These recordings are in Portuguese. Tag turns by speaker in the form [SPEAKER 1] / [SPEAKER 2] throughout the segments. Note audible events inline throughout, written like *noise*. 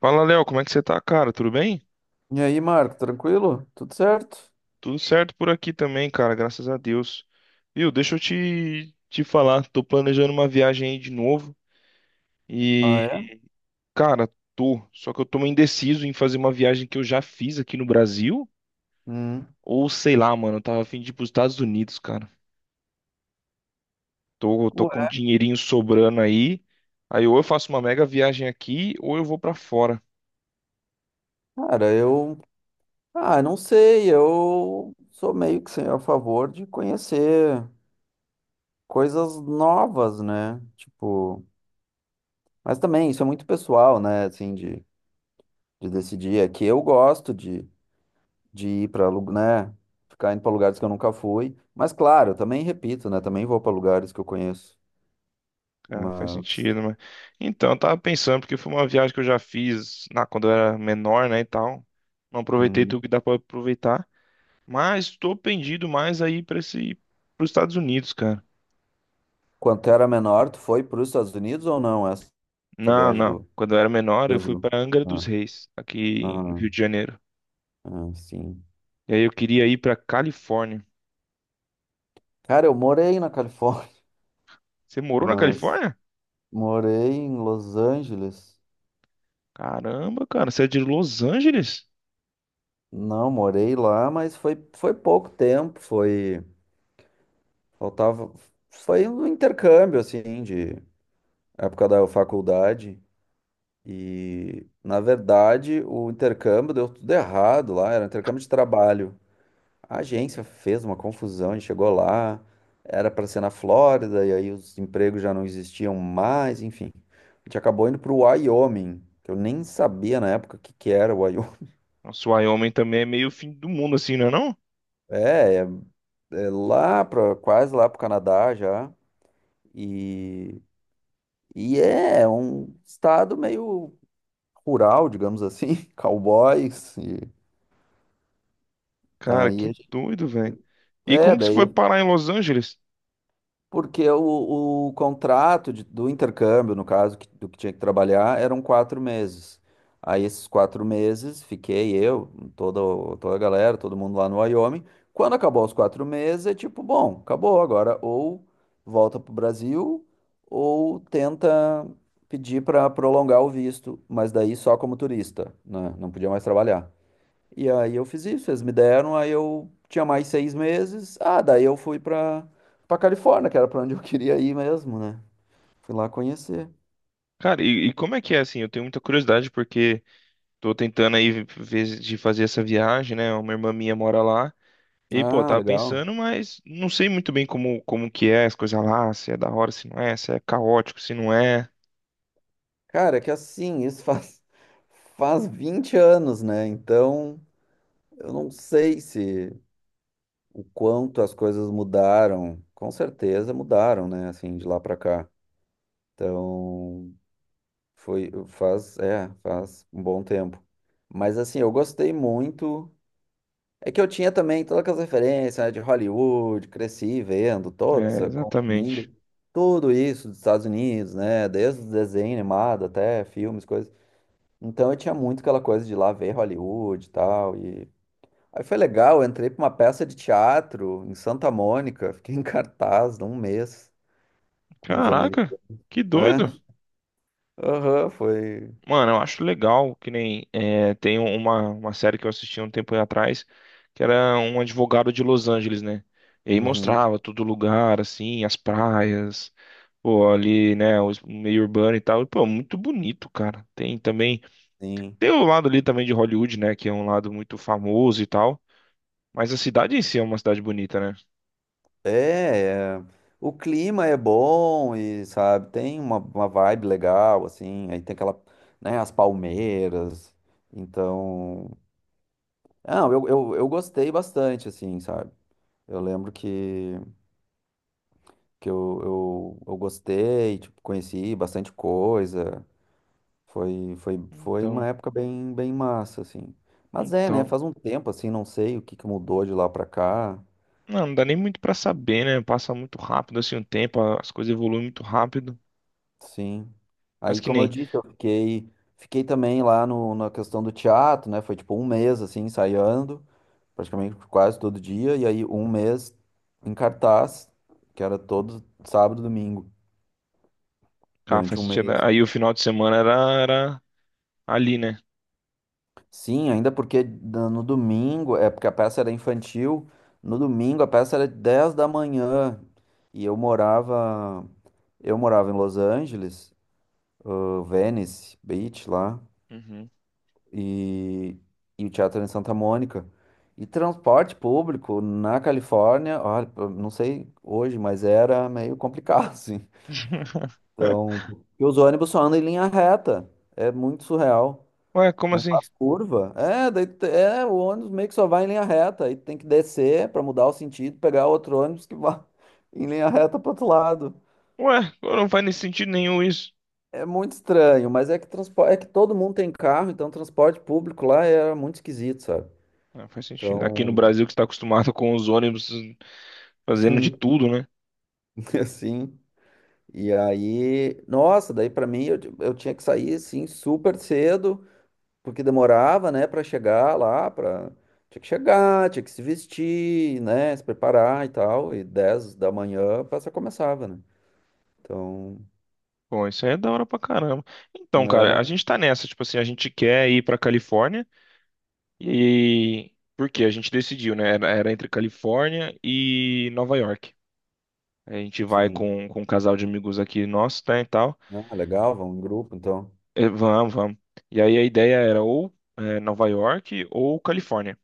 [SPEAKER 1] Fala, Léo, como é que você tá, cara? Tudo bem?
[SPEAKER 2] E aí, Marco, tranquilo? Tudo certo?
[SPEAKER 1] Tudo certo por aqui também, cara, graças a Deus. Viu, deixa eu te falar, tô planejando uma viagem aí de novo e,
[SPEAKER 2] Ah, é?
[SPEAKER 1] cara, tô, só que eu tô meio indeciso em fazer uma viagem que eu já fiz aqui no Brasil,
[SPEAKER 2] Hum.
[SPEAKER 1] ou sei lá, mano, eu tava a fim de ir pros Estados Unidos, cara. Tô com um
[SPEAKER 2] Ué,
[SPEAKER 1] dinheirinho sobrando aí, aí ou eu faço uma mega viagem aqui ou eu vou pra fora.
[SPEAKER 2] cara, eu. Ah, não sei, eu sou meio que sem a favor de conhecer coisas novas, né? Tipo. Mas também isso é muito pessoal, né? Assim, de, decidir. É que eu gosto de ir pra, né? Ficar indo pra lugares que eu nunca fui. Mas, claro, eu também repito, né? Também vou pra lugares que eu conheço.
[SPEAKER 1] Ah, faz
[SPEAKER 2] Mas.
[SPEAKER 1] sentido, mas... Então, eu tava pensando, porque foi uma viagem que eu já fiz na, quando eu era menor, né, e tal. Não aproveitei
[SPEAKER 2] hum,
[SPEAKER 1] tudo que dá pra aproveitar. Mas tô pendido mais aí pra esse... pros Estados Unidos, cara.
[SPEAKER 2] Quando tu era menor, tu foi para os Estados Unidos ou não? Essa
[SPEAKER 1] Não,
[SPEAKER 2] viagem
[SPEAKER 1] não.
[SPEAKER 2] do
[SPEAKER 1] Quando eu era menor, eu fui
[SPEAKER 2] Brasil.
[SPEAKER 1] pra Angra dos
[SPEAKER 2] Ah,
[SPEAKER 1] Reis, aqui no
[SPEAKER 2] ah,
[SPEAKER 1] Rio de Janeiro.
[SPEAKER 2] ah, sim.
[SPEAKER 1] E aí eu queria ir pra Califórnia.
[SPEAKER 2] Cara, eu morei na Califórnia,
[SPEAKER 1] Você morou na
[SPEAKER 2] mas
[SPEAKER 1] Califórnia?
[SPEAKER 2] morei em Los Angeles.
[SPEAKER 1] Caramba, cara, você é de Los Angeles?
[SPEAKER 2] Não, morei lá, mas foi pouco tempo, foi, faltava, foi um intercâmbio, assim, de época da faculdade. E, na verdade, o intercâmbio deu tudo errado lá, era um intercâmbio de trabalho. A agência fez uma confusão, a gente chegou lá, era para ser na Flórida, e aí os empregos já não existiam mais, enfim. A gente acabou indo para o Wyoming, que eu nem sabia na época o que que era o Wyoming. *laughs*
[SPEAKER 1] Nossa, o Wyoming também é meio fim do mundo, assim, não é não?
[SPEAKER 2] É, é, é, lá para quase lá para o Canadá já, e, e é um estado meio rural, digamos assim, *laughs* cowboys, e
[SPEAKER 1] Cara,
[SPEAKER 2] aí
[SPEAKER 1] que doido, velho. E
[SPEAKER 2] é,
[SPEAKER 1] como que você foi
[SPEAKER 2] daí
[SPEAKER 1] parar em Los Angeles?
[SPEAKER 2] porque o contrato do intercâmbio, no caso, do que tinha que trabalhar, eram 4 meses. Aí esses 4 meses fiquei eu, toda a galera, todo mundo lá no Wyoming. Quando acabou os 4 meses, é tipo, bom, acabou agora. Ou volta pro Brasil, ou tenta pedir para prolongar o visto, mas daí só como turista, né? Não podia mais trabalhar. E aí eu fiz isso, eles me deram, aí eu tinha mais 6 meses. Ah, daí eu fui pra, Califórnia, que era pra onde eu *laughs* queria ir mesmo, né? Fui lá conhecer.
[SPEAKER 1] Cara, e como é que é assim? Eu tenho muita curiosidade porque tô tentando aí ver de fazer essa viagem, né? Uma irmã minha mora lá. E, pô, eu
[SPEAKER 2] Ah,
[SPEAKER 1] tava
[SPEAKER 2] legal.
[SPEAKER 1] pensando, mas não sei muito bem como, como que é as coisas lá, se é da hora, se não é, se é caótico, se não é.
[SPEAKER 2] Cara, é que assim, isso faz 20 anos, né? Então, eu não sei se o quanto as coisas mudaram. Com certeza mudaram, né? Assim, de lá pra cá. Então, foi, faz, faz um bom tempo. Mas assim, eu gostei muito. É que eu tinha também todas aquelas referências, né, de Hollywood, cresci vendo, todos,
[SPEAKER 1] É, exatamente.
[SPEAKER 2] consumindo tudo isso dos Estados Unidos, né? Desde desenho animado até filmes, coisas. Então eu tinha muito aquela coisa de ir lá ver Hollywood e tal. E aí foi legal, eu entrei pra uma peça de teatro em Santa Mônica, *laughs* fiquei em cartaz de um mês com os
[SPEAKER 1] Caraca,
[SPEAKER 2] americanos.
[SPEAKER 1] que doido!
[SPEAKER 2] É? Aham, foi.
[SPEAKER 1] Mano, eu acho legal que nem é, tem uma série que eu assisti um tempo atrás, que era um advogado de Los Angeles, né? E aí
[SPEAKER 2] Uhum,
[SPEAKER 1] mostrava todo lugar, assim, as praias, pô, ali, né, o meio urbano e tal. E, pô, muito bonito, cara. Tem também,
[SPEAKER 2] sim.
[SPEAKER 1] tem o lado ali também de Hollywood, né, que é um lado muito famoso e tal. Mas a cidade em si é uma cidade bonita, né?
[SPEAKER 2] É, o clima é bom e, sabe, tem uma, vibe legal, assim, aí tem aquela, né, as palmeiras, então. Não, eu gostei bastante, assim, sabe? Eu lembro que eu gostei, tipo, conheci bastante coisa, foi uma
[SPEAKER 1] Então,
[SPEAKER 2] época bem, bem massa, assim. Mas é, né,
[SPEAKER 1] então.
[SPEAKER 2] faz um tempo, assim, não sei o que que mudou de lá pra cá.
[SPEAKER 1] Não, não dá nem muito pra saber, né? Passa muito rápido, assim, o tempo, as coisas evoluem muito rápido.
[SPEAKER 2] Sim.
[SPEAKER 1] Mas
[SPEAKER 2] Aí,
[SPEAKER 1] que
[SPEAKER 2] como eu
[SPEAKER 1] nem.
[SPEAKER 2] disse, eu fiquei também lá no, na questão do teatro, né? Foi tipo um mês assim, ensaiando, praticamente quase todo dia, e aí um mês em cartaz, que era todo sábado e domingo,
[SPEAKER 1] Ah,
[SPEAKER 2] durante
[SPEAKER 1] faz
[SPEAKER 2] um
[SPEAKER 1] sentido, né?
[SPEAKER 2] mês.
[SPEAKER 1] Aí o final de semana era, era ali, né?
[SPEAKER 2] Sim, ainda porque no domingo, é porque a peça era infantil, no domingo a peça era 10 da manhã, e eu morava em Los Angeles, Venice Beach lá.
[SPEAKER 1] Uhum.
[SPEAKER 2] e, e, o teatro é em Santa Mônica. E transporte público na Califórnia, olha, pô, não sei hoje, mas era meio complicado, *laughs* assim.
[SPEAKER 1] *laughs*
[SPEAKER 2] Então, e os ônibus só andam em linha reta. É muito surreal.
[SPEAKER 1] Ué, como
[SPEAKER 2] Não
[SPEAKER 1] assim?
[SPEAKER 2] faz curva. É, daí, o ônibus meio que só vai em linha reta. Aí tem que descer para mudar o sentido, pegar outro ônibus que vai *laughs* em linha reta para outro lado.
[SPEAKER 1] Ué, não faz nem sentido nenhum isso.
[SPEAKER 2] É muito estranho, mas é que transporte, é que todo mundo tem carro, então transporte público lá era muito esquisito, sabe?
[SPEAKER 1] Ah, faz sentido. Aqui no
[SPEAKER 2] Então,
[SPEAKER 1] Brasil que está acostumado com os ônibus fazendo de
[SPEAKER 2] *laughs*
[SPEAKER 1] tudo, né?
[SPEAKER 2] *laughs* assim. E aí, nossa, daí pra mim eu tinha que sair assim super cedo, porque demorava, né, pra chegar lá, para tinha que chegar, tinha que se vestir, né, se preparar e tal, e 10 da manhã a peça começava, né? Então,
[SPEAKER 1] Pô, isso aí é da hora pra caramba. Então, cara, a
[SPEAKER 2] né,
[SPEAKER 1] gente tá nessa, tipo assim, a gente quer ir pra Califórnia e por quê? A gente decidiu, né? Era entre Califórnia e Nova York. A gente vai
[SPEAKER 2] sim.
[SPEAKER 1] com um casal de amigos aqui nosso, tá, e tal.
[SPEAKER 2] Ah, legal, vão em grupo, então.
[SPEAKER 1] É, vamos, vamos. E aí a ideia era ou é, Nova York ou Califórnia.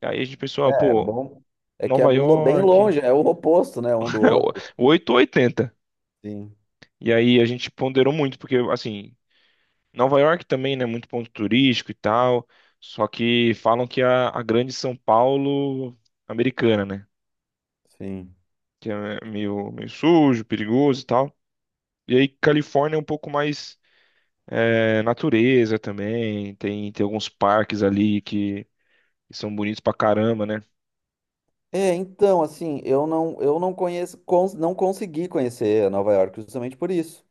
[SPEAKER 1] E aí a gente pensou, ah,
[SPEAKER 2] É, é
[SPEAKER 1] pô,
[SPEAKER 2] bom. É que é
[SPEAKER 1] Nova
[SPEAKER 2] bem
[SPEAKER 1] York,
[SPEAKER 2] longe, é o oposto, né, um do
[SPEAKER 1] *laughs*
[SPEAKER 2] outro.
[SPEAKER 1] 8 ou 80.
[SPEAKER 2] Sim,
[SPEAKER 1] E aí a gente ponderou muito, porque assim, Nova York também, né, muito ponto turístico e tal. Só que falam que a grande São Paulo americana, né?
[SPEAKER 2] sim.
[SPEAKER 1] Que é meio, meio sujo, perigoso e tal. E aí Califórnia é um pouco mais é, natureza também. Tem, tem alguns parques ali que são bonitos pra caramba, né?
[SPEAKER 2] É, então, assim, eu não conheço, não consegui conhecer Nova York justamente por isso.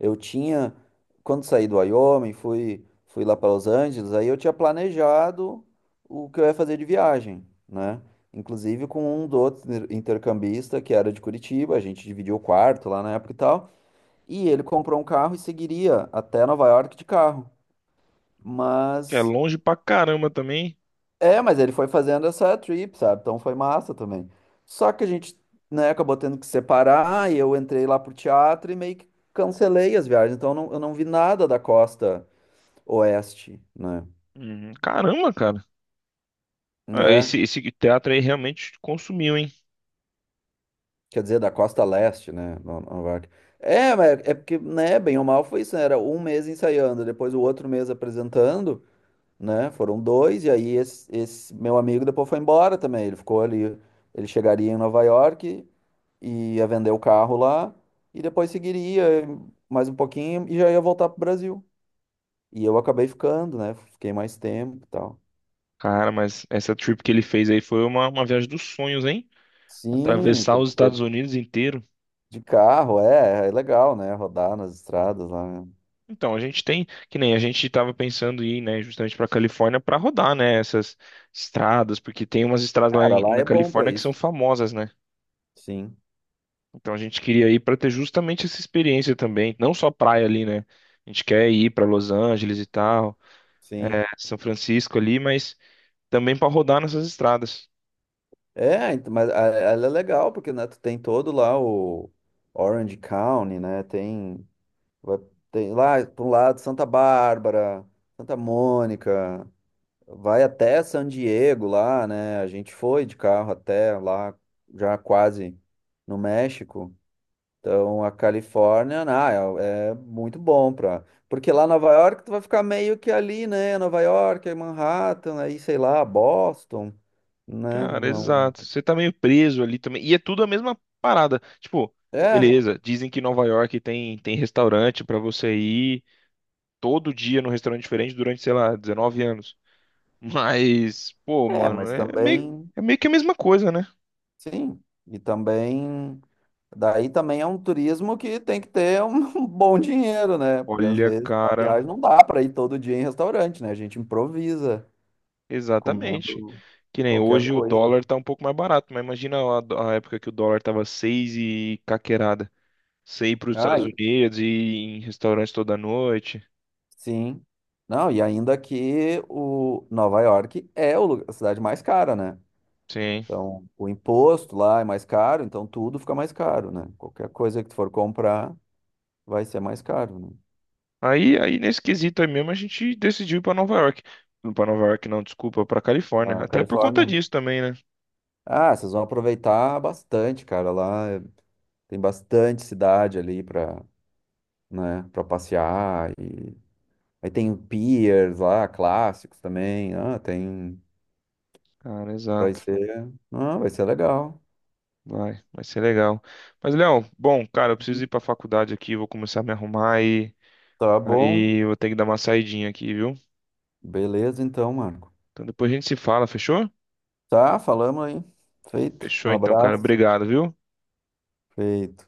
[SPEAKER 2] Eu tinha, quando saí do Wyoming, fui lá para Los Angeles, aí eu tinha planejado o que eu ia fazer de viagem, né? Inclusive com um do outro intercambista que era de Curitiba, a gente dividiu o quarto lá na época e tal, e ele comprou um carro e seguiria até Nova York de carro.
[SPEAKER 1] Que é
[SPEAKER 2] Mas
[SPEAKER 1] longe pra caramba também.
[SPEAKER 2] mas, ele foi fazendo essa trip, sabe? Então foi massa também. Só que a gente, né, acabou tendo que separar e eu entrei lá pro teatro e meio que cancelei as viagens. Então eu não vi nada da costa oeste, né?
[SPEAKER 1] Uhum. Caramba, cara. Ah,
[SPEAKER 2] É,
[SPEAKER 1] esse teatro aí realmente consumiu, hein?
[SPEAKER 2] quer dizer, da costa leste, né? Nova York. É, mas é porque, né, bem ou mal foi isso, né? Era um mês ensaiando, depois o outro mês apresentando, né? Foram dois, e aí esse meu amigo depois foi embora também. Ele ficou ali, ele chegaria em Nova York, ia vender o carro lá e depois seguiria mais um pouquinho e já ia voltar pro Brasil. E eu acabei ficando, né? Fiquei mais tempo e tal.
[SPEAKER 1] Cara, mas essa trip que ele fez aí foi uma viagem dos sonhos, hein?
[SPEAKER 2] Sim,
[SPEAKER 1] Atravessar os
[SPEAKER 2] porque
[SPEAKER 1] Estados Unidos inteiro.
[SPEAKER 2] de carro é legal, né? Rodar nas estradas lá, né?
[SPEAKER 1] Então, a gente tem, que nem a gente estava pensando em ir, né, justamente para Califórnia para rodar, né, essas estradas, porque tem umas estradas lá
[SPEAKER 2] Cara,
[SPEAKER 1] em-
[SPEAKER 2] lá
[SPEAKER 1] na
[SPEAKER 2] é bom pra
[SPEAKER 1] Califórnia que são
[SPEAKER 2] isso.
[SPEAKER 1] famosas, né?
[SPEAKER 2] Sim,
[SPEAKER 1] Então a gente queria ir para ter justamente essa experiência também, não só praia ali, né? A gente quer ir para Los Angeles e tal,
[SPEAKER 2] sim.
[SPEAKER 1] é, São Francisco ali, mas também para rodar nessas estradas.
[SPEAKER 2] É, então, mas ela é legal porque né, tu tem todo lá o Orange County, né? Tem, vai- tem lá para um lado Santa Bárbara, Santa Mônica. Vai até San Diego lá, né? A gente foi de carro até lá, já quase no México. Então a Califórnia, ah, é muito bom pra. Porque lá em Nova York tu vai ficar meio que ali, né? Nova York, aí Manhattan, aí sei lá, Boston, né?
[SPEAKER 1] Cara,
[SPEAKER 2] Não.
[SPEAKER 1] exato. Você tá meio preso ali também. E é tudo a mesma parada. Tipo,
[SPEAKER 2] É,
[SPEAKER 1] beleza, dizem que Nova York tem, tem restaurante para você ir todo dia num restaurante diferente durante, sei lá, 19 anos. *laughs* Mas, pô,
[SPEAKER 2] é,
[SPEAKER 1] mano,
[SPEAKER 2] mas também,
[SPEAKER 1] é meio que a mesma coisa, né?
[SPEAKER 2] sim. E também. Daí também é um turismo que tem que ter um *laughs* bom dinheiro, né? Porque às
[SPEAKER 1] Olha,
[SPEAKER 2] vezes na
[SPEAKER 1] cara,
[SPEAKER 2] viagem não dá para ir todo dia em restaurante, né? A gente improvisa
[SPEAKER 1] exatamente.
[SPEAKER 2] comendo
[SPEAKER 1] Que nem
[SPEAKER 2] qualquer
[SPEAKER 1] hoje o
[SPEAKER 2] coisa.
[SPEAKER 1] dólar tá um pouco mais barato, mas imagina a época que o dólar tava 6 e caquerada. Você ir para os
[SPEAKER 2] Ah,
[SPEAKER 1] Estados Unidos e ir em restaurantes toda noite.
[SPEAKER 2] sim. Não, e ainda que o Nova York é a cidade mais cara, né?
[SPEAKER 1] Sim,
[SPEAKER 2] Então, o imposto lá é mais caro, então tudo fica mais caro, né? Qualquer coisa que tu for comprar vai ser mais caro, né?
[SPEAKER 1] aí, aí nesse quesito aí mesmo, a gente decidiu ir pra Nova York. Não pra Nova York, não, desculpa, pra Califórnia.
[SPEAKER 2] A
[SPEAKER 1] Até por conta
[SPEAKER 2] Califórnia.
[SPEAKER 1] disso também, né?
[SPEAKER 2] Ah, vocês vão aproveitar bastante, cara. Lá tem bastante cidade ali pra, né, para passear. E aí tem piers lá, clássicos também. Ah, tem.
[SPEAKER 1] Cara,
[SPEAKER 2] Vai
[SPEAKER 1] exato.
[SPEAKER 2] ser. Ah, vai ser legal.
[SPEAKER 1] Vai, vai ser legal. Mas, Léo, bom, cara, eu preciso ir
[SPEAKER 2] Uhum.
[SPEAKER 1] pra faculdade aqui, vou começar a me arrumar e
[SPEAKER 2] Tá bom.
[SPEAKER 1] aí eu vou ter que dar uma saidinha aqui, viu?
[SPEAKER 2] Beleza, então, Marco.
[SPEAKER 1] Então depois a gente se fala, fechou?
[SPEAKER 2] Tá, falamos aí. Feito.
[SPEAKER 1] Fechou
[SPEAKER 2] Um
[SPEAKER 1] então, cara.
[SPEAKER 2] abraço.
[SPEAKER 1] Obrigado, viu?
[SPEAKER 2] Feito.